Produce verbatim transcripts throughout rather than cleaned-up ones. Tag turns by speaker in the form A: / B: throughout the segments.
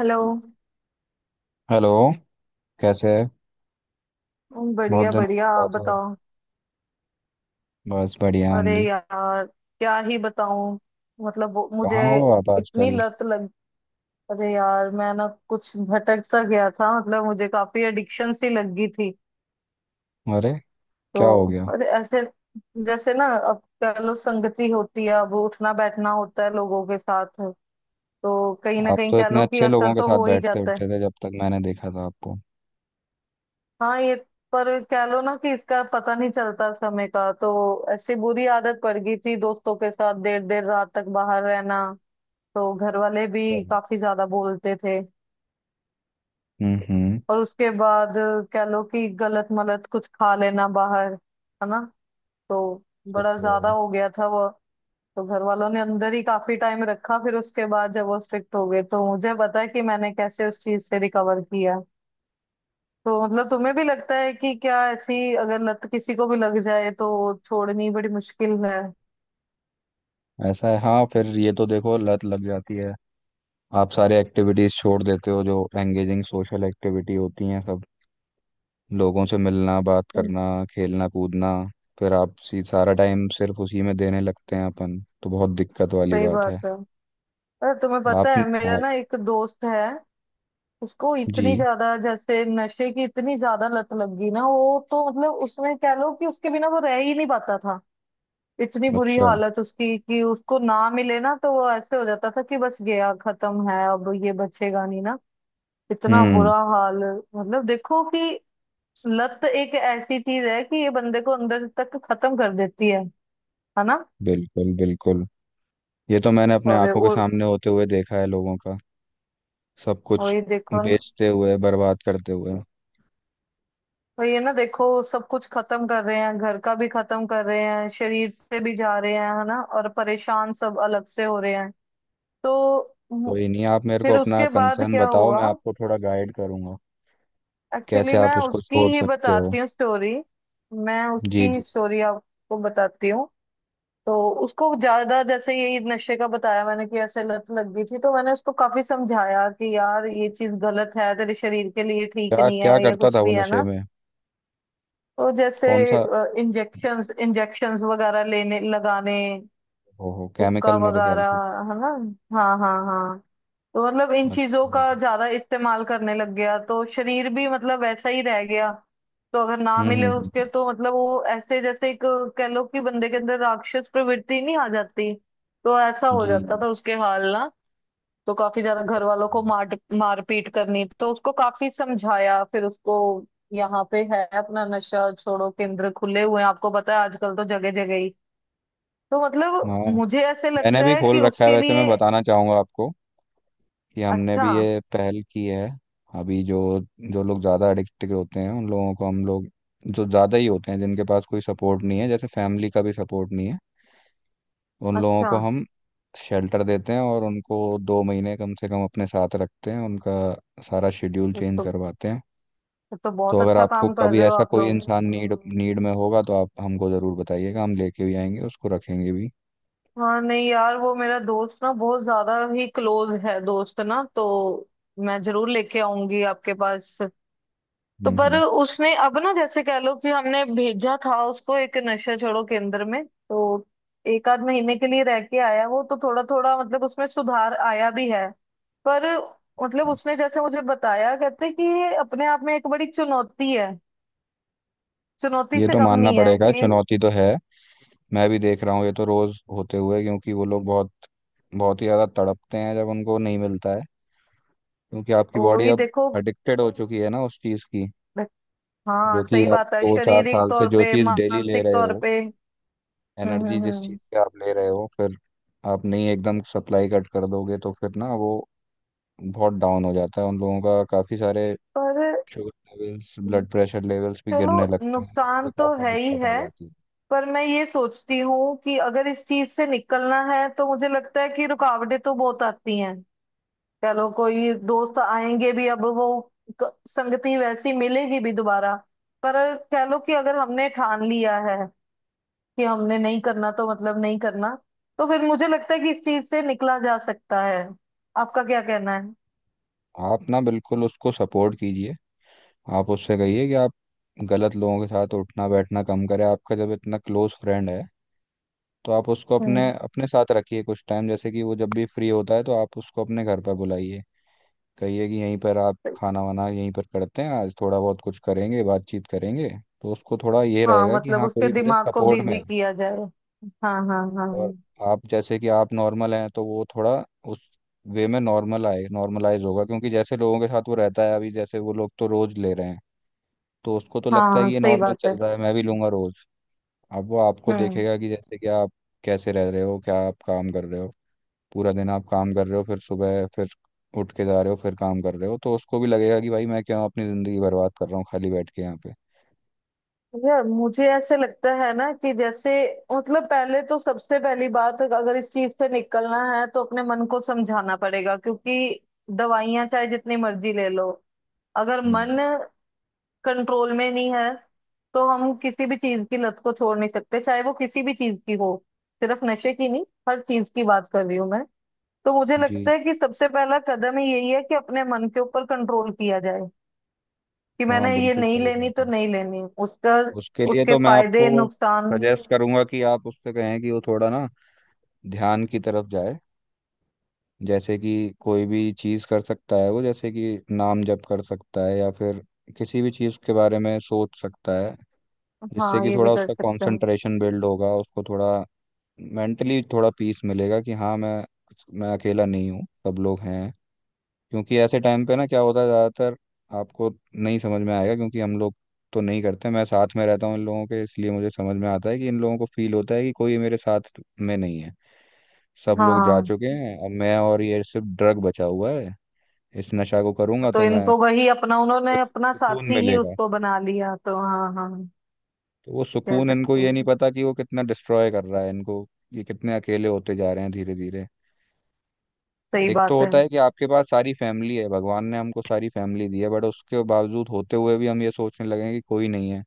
A: Hello.
B: Hello. कैसे है?
A: हम्म,
B: बहुत
A: बढ़िया
B: दिनों बाद
A: बढ़िया आप
B: बात हो।
A: बताओ।
B: बस बढ़िया, हम
A: अरे
B: भी।
A: यार क्या ही बताऊं। मतलब, वो- मुझे
B: कहाँ हो आप
A: इतनी
B: आजकल?
A: लत लग अरे यार मैं ना कुछ भटक सा गया था। मतलब मुझे काफी एडिक्शन सी लग गई थी।
B: अरे, क्या
A: तो
B: हो गया?
A: अरे ऐसे, जैसे ना, अब कह लो संगति होती है, अब उठना बैठना होता है लोगों के साथ। तो कहीं ना
B: आप
A: कहीं
B: तो
A: कह
B: इतने
A: लो कि
B: अच्छे
A: असर
B: लोगों के
A: तो
B: साथ
A: हो ही
B: बैठते
A: जाता है।
B: उठते थे जब तक मैंने देखा था आपको।
A: हाँ, ये। पर कह लो ना कि इसका पता नहीं चलता समय का। तो ऐसी बुरी आदत पड़ गई थी, दोस्तों के साथ देर देर रात तक बाहर रहना। तो घर वाले
B: क्या?
A: भी काफी ज्यादा बोलते थे।
B: हम्म, हम्म।
A: और उसके बाद कह लो कि गलत मलत कुछ खा लेना बाहर, है ना। तो बड़ा ज्यादा
B: तो
A: हो गया था वो। तो घर वालों ने अंदर ही काफी टाइम रखा। फिर उसके बाद जब वो स्ट्रिक्ट हो गए तो मुझे पता है कि मैंने कैसे उस चीज से रिकवर किया। तो मतलब तुम्हें भी लगता है कि क्या, ऐसी अगर लत किसी को भी लग जाए तो छोड़नी बड़ी मुश्किल है?
B: ऐसा है, हाँ। फिर ये तो देखो लत लग जाती है। आप सारे एक्टिविटीज छोड़ देते हो जो एंगेजिंग सोशल एक्टिविटी होती हैं, सब। लोगों से मिलना, बात
A: हम्म,
B: करना, खेलना कूदना, फिर आप सी सारा टाइम सिर्फ उसी में देने लगते हैं अपन। तो बहुत दिक्कत वाली
A: सही
B: बात
A: बात
B: है।
A: है। अरे तुम्हें
B: आप,
A: पता है, मेरा
B: आप
A: ना एक दोस्त है। उसको
B: जी।
A: इतनी ज्यादा, जैसे नशे की इतनी ज्यादा लत लग गई ना, वो तो मतलब उसमें कह लो कि उसके बिना वो रह ही नहीं पाता था। इतनी बुरी
B: अच्छा।
A: हालत उसकी कि उसको ना मिले ना तो वो ऐसे हो जाता था कि बस, गया, खत्म है, अब ये बचेगा नहीं ना। इतना
B: हम्म।
A: बुरा हाल। मतलब देखो कि लत एक ऐसी चीज है कि ये बंदे को अंदर तक खत्म कर देती है है ना?
B: बिल्कुल बिल्कुल। ये तो मैंने अपने
A: और
B: आंखों के
A: और
B: सामने होते हुए देखा है लोगों का, सब कुछ
A: वही देखो न-
B: बेचते हुए, बर्बाद करते हुए।
A: वही है ना, देखो, सब कुछ खत्म कर रहे हैं, घर का भी खत्म कर रहे हैं, शरीर से भी जा रहे हैं, है ना, और परेशान सब अलग से हो रहे हैं। तो मु-
B: कोई नहीं, आप मेरे को
A: फिर
B: अपना
A: उसके बाद
B: कंसर्न
A: क्या
B: बताओ,
A: हुआ?
B: मैं आपको थोड़ा गाइड करूंगा।
A: एक्चुअली
B: कैसे आप
A: मैं
B: उसको
A: उसकी
B: छोड़
A: ही
B: सकते हो?
A: बताती हूँ स्टोरी। मैं उसकी
B: जी,
A: ही
B: जी।
A: स्टोरी आपको बताती हूँ। तो उसको ज्यादा, जैसे यही नशे का बताया मैंने कि ऐसे लत लग गई थी। तो मैंने उसको काफी समझाया कि यार ये चीज गलत है, तेरे शरीर के लिए ठीक
B: क्या
A: नहीं
B: क्या
A: है या
B: करता
A: कुछ
B: था वो
A: भी, है
B: नशे
A: ना।
B: में?
A: तो जैसे
B: कौन सा?
A: इंजेक्शंस इंजेक्शंस वगैरह लेने लगाने,
B: ओहो,
A: हुक्का
B: केमिकल मेरे ख्याल
A: वगैरह,
B: से।
A: है ना। हाँ, हाँ, हाँ। तो मतलब इन चीजों
B: अच्छा।
A: का ज्यादा इस्तेमाल करने लग गया तो शरीर भी मतलब वैसा ही रह गया। तो अगर ना
B: हम्म हम्म
A: मिले
B: हम्म,
A: उसके
B: हम्म।
A: तो मतलब वो ऐसे जैसे एक, कह लो कि बंदे के अंदर राक्षस प्रवृत्ति नहीं आ जाती। तो ऐसा हो
B: जी।
A: जाता था उसके हाल ना। तो काफी ज्यादा घर वालों
B: अच्छा।
A: को मार मारपीट करनी, तो उसको काफी समझाया। फिर उसको, यहाँ पे है अपना नशा छोड़ो केंद्र खुले हुए हैं, आपको पता है आजकल तो जगह जगह ही। तो मतलब
B: हाँ,
A: मुझे ऐसे
B: मैंने
A: लगता
B: भी
A: है कि
B: खोल रखा है,
A: उसके
B: वैसे मैं
A: लिए।
B: बताना चाहूंगा आपको कि हमने
A: अच्छा।
B: भी ये पहल की है। अभी जो जो लोग ज़्यादा एडिक्टेड होते हैं उन लोगों को हम लोग, जो ज़्यादा ही होते हैं, जिनके पास कोई सपोर्ट नहीं है, जैसे फैमिली का भी सपोर्ट नहीं है, उन लोगों
A: अच्छा।
B: को हम शेल्टर देते हैं और उनको दो महीने कम से कम अपने साथ रखते हैं। उनका सारा शेड्यूल चेंज
A: तो
B: करवाते हैं।
A: ये तो
B: तो
A: बहुत
B: अगर
A: अच्छा
B: आपको
A: काम कर
B: कभी
A: रहे हो
B: ऐसा
A: आप
B: कोई
A: लोग।
B: इंसान नीड नीड में होगा तो आप हमको ज़रूर बताइएगा, हम लेके भी आएंगे, उसको रखेंगे भी।
A: हाँ नहीं यार, वो मेरा दोस्त ना बहुत ज्यादा ही क्लोज है दोस्त ना। तो मैं जरूर लेके आऊंगी आपके पास। तो
B: हम्म
A: पर
B: हम्म।
A: उसने अब ना जैसे कह लो कि हमने भेजा था उसको एक नशा छोड़ो केंद्र में। तो एक आध महीने के लिए रह के आया वो, तो थोड़ा थोड़ा मतलब उसमें सुधार आया भी है। पर मतलब
B: हम्म।
A: उसने जैसे मुझे बताया कहते कि ये अपने आप में एक बड़ी चुनौती है। चुनौती
B: ये
A: से
B: तो
A: कम
B: मानना
A: नहीं है
B: पड़ेगा,
A: कि।
B: चुनौती तो है। मैं भी देख रहा हूँ ये तो रोज़ होते हुए, क्योंकि वो लोग बहुत बहुत ही ज़्यादा तड़पते हैं जब उनको नहीं मिलता है। क्योंकि आपकी
A: वो
B: बॉडी
A: भी
B: अब
A: देखो।
B: एडिक्टेड हो चुकी है ना उस चीज़ की। जो
A: हाँ,
B: कि
A: सही
B: आप
A: बात है,
B: दो चार
A: शारीरिक
B: साल से
A: तौर
B: जो
A: पे
B: चीज़ डेली ले
A: मानसिक
B: रहे
A: तौर
B: हो,
A: पे। हम्म,
B: एनर्जी
A: हम्म,
B: जिस चीज़
A: हम्म।
B: से आप ले रहे हो, फिर आप नहीं एकदम सप्लाई कट कर दोगे तो फिर ना वो बहुत डाउन हो जाता है उन लोगों का। काफ़ी सारे
A: पर।
B: Sugar levels, blood pressure levels भी
A: चलो,
B: गिरने लगते हैं, उससे
A: नुकसान तो
B: काफ़ी
A: है ही
B: दिक्कत आ
A: है।
B: जाती है।
A: पर मैं ये सोचती हूँ कि अगर इस चीज से निकलना है तो मुझे लगता है कि रुकावटें तो बहुत आती हैं। कह लो कोई दोस्त आएंगे भी, अब वो क- संगति वैसी मिलेगी भी दोबारा। पर कह लो कि अगर हमने ठान लिया है कि हमने नहीं करना तो मतलब नहीं करना। तो फिर मुझे लगता है कि इस चीज से निकला जा सकता है। आपका क्या कहना है?
B: आप ना बिल्कुल उसको सपोर्ट कीजिए। आप उससे कहिए कि आप गलत लोगों के साथ उठना बैठना कम करें। आपका जब इतना क्लोज फ्रेंड है तो आप उसको अपने
A: हम्म।
B: अपने साथ रखिए कुछ टाइम, जैसे कि वो जब भी फ्री होता है तो आप उसको अपने घर पर बुलाइए। कहिए कि यहीं पर आप खाना वाना यहीं पर करते हैं, आज थोड़ा बहुत कुछ करेंगे, बातचीत करेंगे। तो उसको थोड़ा ये
A: हाँ
B: रहेगा कि
A: मतलब
B: हाँ
A: उसके
B: कोई मेरे
A: दिमाग को
B: सपोर्ट में
A: बिजी
B: है।
A: किया जाए। हाँ, हाँ, हाँ।
B: और आप जैसे कि आप नॉर्मल हैं तो वो थोड़ा उस वे में नॉर्मल आए, नॉर्मलाइज होगा। क्योंकि जैसे लोगों के साथ वो रहता है अभी, जैसे वो लोग तो रोज ले रहे हैं, तो उसको तो लगता है
A: हाँ,
B: कि ये
A: सही
B: नॉर्मल
A: बात है।
B: चल रहा है, मैं भी लूंगा रोज। अब वो आपको
A: हम्म।
B: देखेगा कि जैसे कि आप कैसे रह रहे हो, क्या आप काम कर रहे हो, पूरा दिन आप काम कर रहे हो, फिर सुबह फिर उठ के जा रहे हो, फिर काम कर रहे हो, तो उसको भी लगेगा कि भाई मैं क्यों अपनी ज़िंदगी बर्बाद कर रहा हूँ खाली बैठ के यहाँ पे।
A: यार मुझे ऐसे लगता है ना कि जैसे, मतलब पहले तो सबसे पहली बात, अगर इस चीज से निकलना है तो अपने मन को समझाना पड़ेगा, क्योंकि दवाइयां चाहे जितनी मर्जी ले लो, अगर
B: हम्म।
A: मन कंट्रोल में नहीं है तो हम किसी भी चीज की लत को छोड़ नहीं सकते, चाहे वो किसी भी चीज की हो। सिर्फ नशे की नहीं, हर चीज की बात कर रही हूँ मैं। तो मुझे लगता
B: जी।
A: है कि सबसे पहला कदम ही यही है कि अपने मन के ऊपर कंट्रोल किया जाए। कि
B: हाँ
A: मैंने ये
B: बिल्कुल
A: नहीं
B: सही
A: लेनी
B: बात
A: तो
B: है।
A: नहीं लेनी, उसका
B: उसके लिए
A: उसके
B: तो मैं
A: फायदे
B: आपको
A: नुकसान।
B: सजेस्ट करूंगा कि आप उससे कहें कि वो थोड़ा ना ध्यान की तरफ जाए। जैसे कि कोई भी चीज़ कर सकता है वो, जैसे कि नाम जप कर सकता है या फिर किसी भी चीज़ के बारे में सोच सकता है, जिससे
A: हाँ,
B: कि
A: ये भी
B: थोड़ा
A: कर
B: उसका
A: सकते हैं।
B: कंसंट्रेशन बिल्ड होगा, उसको थोड़ा मेंटली थोड़ा पीस मिलेगा कि हाँ मैं मैं अकेला नहीं हूँ, सब लोग हैं। क्योंकि ऐसे टाइम पे ना क्या होता है ज़्यादातर, आपको नहीं समझ में आएगा क्योंकि हम लोग तो नहीं करते। मैं साथ में रहता हूँ इन लोगों के इसलिए मुझे समझ में आता है कि इन लोगों को फील होता है कि कोई मेरे साथ में नहीं है, सब लोग जा
A: हाँ।
B: चुके हैं, अब मैं और ये सिर्फ ड्रग बचा हुआ है, इस नशा को करूंगा
A: तो
B: तो मैं
A: इनको वही अपना, उन्होंने
B: कुछ
A: अपना
B: सुकून
A: साथी ही
B: मिलेगा।
A: उसको बना लिया, तो हाँ हाँ
B: तो वो
A: कह
B: सुकून इनको,
A: सकते
B: ये नहीं
A: हैं।
B: पता कि वो कितना डिस्ट्रॉय कर रहा है इनको, ये कितने अकेले होते जा रहे हैं धीरे धीरे।
A: सही
B: एक तो
A: बात है।
B: होता है कि आपके पास सारी फैमिली है, भगवान ने हमको सारी फैमिली दी है, बट उसके बावजूद होते हुए भी हम ये सोचने लगे हैं कि कोई नहीं है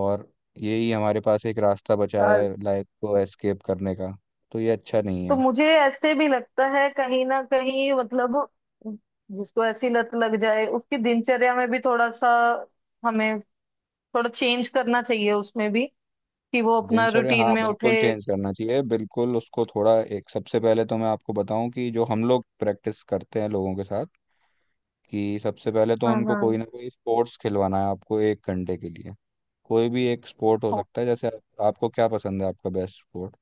B: और यही हमारे पास एक रास्ता बचा
A: और।
B: है लाइफ को एस्केप करने का। तो ये अच्छा नहीं
A: तो
B: है।
A: मुझे ऐसे भी लगता है कहीं ना कहीं, मतलब जिसको ऐसी लत लग जाए उसकी दिनचर्या में भी थोड़ा सा, हमें थोड़ा चेंज करना चाहिए उसमें भी। कि वो अपना
B: दिनचर्या
A: रूटीन
B: हाँ
A: में
B: बिल्कुल
A: उठे।
B: चेंज करना चाहिए, बिल्कुल। उसको थोड़ा एक, सबसे पहले तो मैं आपको बताऊं कि जो हम लोग प्रैक्टिस करते हैं लोगों के साथ, कि सबसे पहले तो
A: हाँ,
B: उनको कोई
A: हाँ।
B: ना कोई स्पोर्ट्स खिलवाना है आपको, एक घंटे के लिए। कोई भी एक स्पोर्ट हो
A: ओ,
B: सकता है। जैसे आप, आपको क्या पसंद है, आपका बेस्ट स्पोर्ट?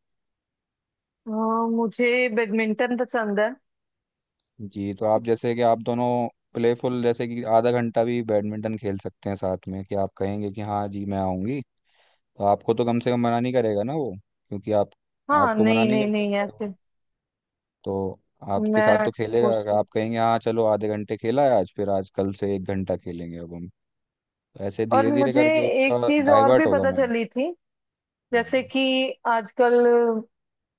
A: हाँ, मुझे बैडमिंटन पसंद है।
B: जी तो आप, जैसे कि आप दोनों प्लेफुल, जैसे कि आधा घंटा भी बैडमिंटन खेल सकते हैं साथ में, कि आप कहेंगे कि हाँ जी मैं आऊँगी, तो आपको तो कम से कम मना नहीं करेगा ना वो। क्योंकि आप,
A: हाँ
B: आपको मना
A: नहीं
B: नहीं
A: नहीं
B: कर
A: नहीं,
B: सकता है
A: ऐसे।
B: वो, तो आपके साथ
A: मैं
B: तो खेलेगा।
A: खुश
B: अगर
A: हूँ।
B: आप कहेंगे हाँ चलो आधे घंटे खेला है आज, फिर आज कल से एक घंटा खेलेंगे अब हम। तो ऐसे
A: और
B: धीरे धीरे
A: मुझे
B: करके
A: एक
B: उसका
A: चीज और
B: डाइवर्ट
A: भी
B: होगा
A: पता
B: माइंड।
A: चली थी। जैसे
B: हम्म।
A: कि आजकल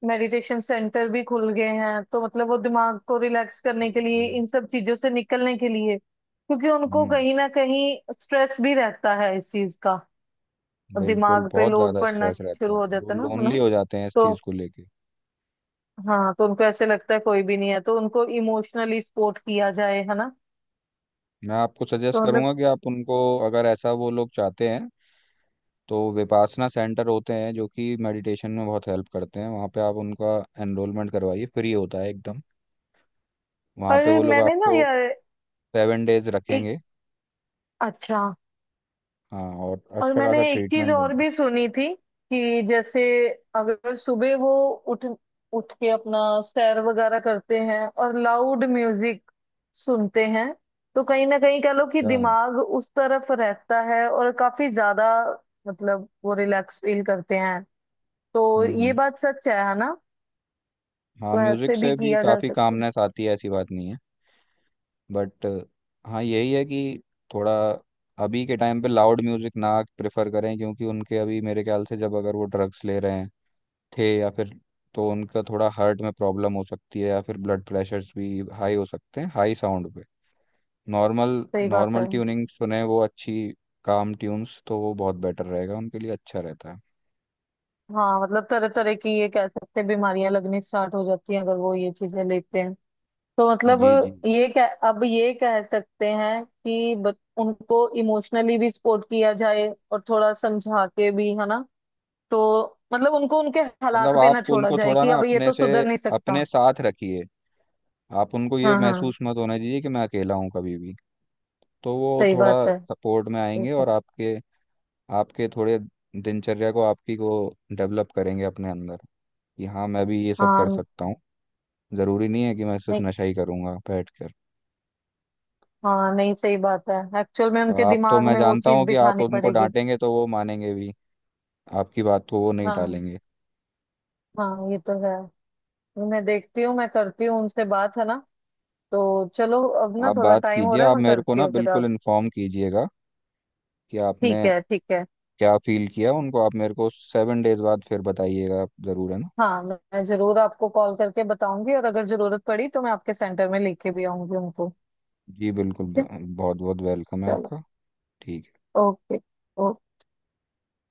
A: मेडिटेशन सेंटर भी खुल गए हैं, तो मतलब वो दिमाग को रिलैक्स
B: जी,
A: करने के लिए,
B: जी।
A: इन सब चीजों से निकलने के लिए। क्योंकि उनको
B: हम्म।
A: कहीं ना कहीं स्ट्रेस भी रहता है इस चीज का, और
B: बिल्कुल,
A: दिमाग पे
B: बहुत
A: लोड
B: ज़्यादा
A: पड़ना
B: स्ट्रेस रहता
A: शुरू
B: है,
A: हो
B: वो
A: जाता है ना, है
B: लोनली
A: ना।
B: हो जाते हैं इस
A: तो
B: चीज़ को लेके।
A: हाँ, तो उनको ऐसे लगता है कोई भी नहीं है, तो उनको इमोशनली सपोर्ट किया जाए, है ना।
B: मैं आपको सजेस्ट
A: तो मतलब।
B: करूंगा कि आप उनको, अगर ऐसा वो लोग चाहते हैं तो विपासना सेंटर होते हैं जो कि मेडिटेशन में बहुत हेल्प करते हैं। वहाँ पे आप उनका एनरोलमेंट करवाइए, फ्री होता है एकदम। वहाँ पे
A: पर
B: वो लोग
A: मैंने ना
B: आपको
A: यार
B: सेवन डेज
A: एक।
B: रखेंगे।
A: अच्छा।
B: हाँ और
A: और
B: अच्छा
A: मैंने
B: खासा
A: एक चीज
B: ट्रीटमेंट
A: और
B: देंगे।
A: भी सुनी थी। कि जैसे अगर सुबह वो उठ उठ के अपना सैर वगैरह करते हैं और लाउड म्यूजिक सुनते हैं, तो कहीं ना कहीं कह लो कि
B: अच्छा।
A: दिमाग उस तरफ रहता है और काफी ज्यादा मतलब वो रिलैक्स फील करते हैं। तो
B: हम्म
A: ये
B: हम्म।
A: बात सच है है ना?
B: हाँ
A: तो
B: म्यूजिक
A: ऐसे भी
B: से भी
A: किया जा
B: काफ़ी
A: सकता है।
B: कामनेस आती है, ऐसी बात नहीं है। बट हाँ, यही है कि थोड़ा अभी के टाइम पे लाउड म्यूजिक ना प्रेफर करें, क्योंकि उनके अभी मेरे ख्याल से, जब अगर वो ड्रग्स ले रहे हैं थे या फिर, तो उनका थोड़ा हार्ट में प्रॉब्लम हो सकती है या फिर ब्लड प्रेशर्स भी हाई हो सकते हैं हाई साउंड पे। नॉर्मल,
A: सही बात
B: नॉर्मल
A: है।
B: ट्यूनिंग सुने वो अच्छी, काम ट्यून्स, तो वो बहुत बेटर रहेगा उनके लिए, अच्छा रहता है।
A: हाँ मतलब तरह तरह की, ये कह सकते हैं, बीमारियां लगनी स्टार्ट हो जाती हैं अगर वो ये चीजें लेते हैं। तो मतलब
B: जी, जी।
A: ये कह अब ये कह सकते हैं कि, ब, उनको इमोशनली भी सपोर्ट किया जाए और थोड़ा समझा के भी, है ना। तो मतलब उनको उनके हालात
B: मतलब
A: पे ना
B: आप
A: छोड़ा
B: उनको
A: जाए
B: थोड़ा
A: कि
B: ना
A: अब ये
B: अपने
A: तो
B: से
A: सुधर नहीं सकता।
B: अपने साथ रखिए, आप उनको ये
A: हाँ, हाँ,
B: महसूस मत होने दीजिए कि मैं अकेला हूँ कभी भी। तो वो
A: सही
B: थोड़ा
A: बात है।
B: सपोर्ट में
A: ठीक
B: आएंगे और
A: है।
B: आपके आपके थोड़े दिनचर्या को आपकी को डेवलप करेंगे अपने अंदर कि हाँ मैं भी ये सब कर
A: हाँ,
B: सकता हूँ। जरूरी नहीं है कि मैं सिर्फ
A: नहीं।
B: नशा ही करूंगा बैठ कर।
A: हाँ, नहीं, सही बात है। एक्चुअल में उनके
B: आप तो
A: दिमाग
B: मैं
A: में वो
B: जानता
A: चीज
B: हूँ कि आप
A: बिठानी
B: उनको
A: पड़ेगी।
B: डांटेंगे तो वो मानेंगे भी, आपकी बात को वो नहीं
A: हाँ,
B: टालेंगे।
A: हाँ, ये तो है। मैं देखती हूँ, मैं करती हूँ उनसे बात, है ना। तो चलो, अब ना
B: आप
A: थोड़ा
B: बात
A: टाइम हो
B: कीजिए,
A: रहा है,
B: आप
A: मैं
B: मेरे को
A: करती
B: ना
A: हूँ, फिर
B: बिल्कुल
A: आप।
B: इन्फॉर्म कीजिएगा कि आपने
A: ठीक है, ठीक है।
B: क्या फील किया उनको। आप मेरे को सेवन डेज बाद फिर बताइएगा आप, जरूर है ना।
A: हाँ, मैं मैं जरूर आपको कॉल करके बताऊंगी, और अगर जरूरत पड़ी तो मैं आपके सेंटर में लेके भी आऊंगी उनको।
B: जी बिल्कुल,
A: ठीक है।
B: बहुत बहुत वेलकम है
A: चलो।
B: आपका। ठीक है।
A: ओके। ओके।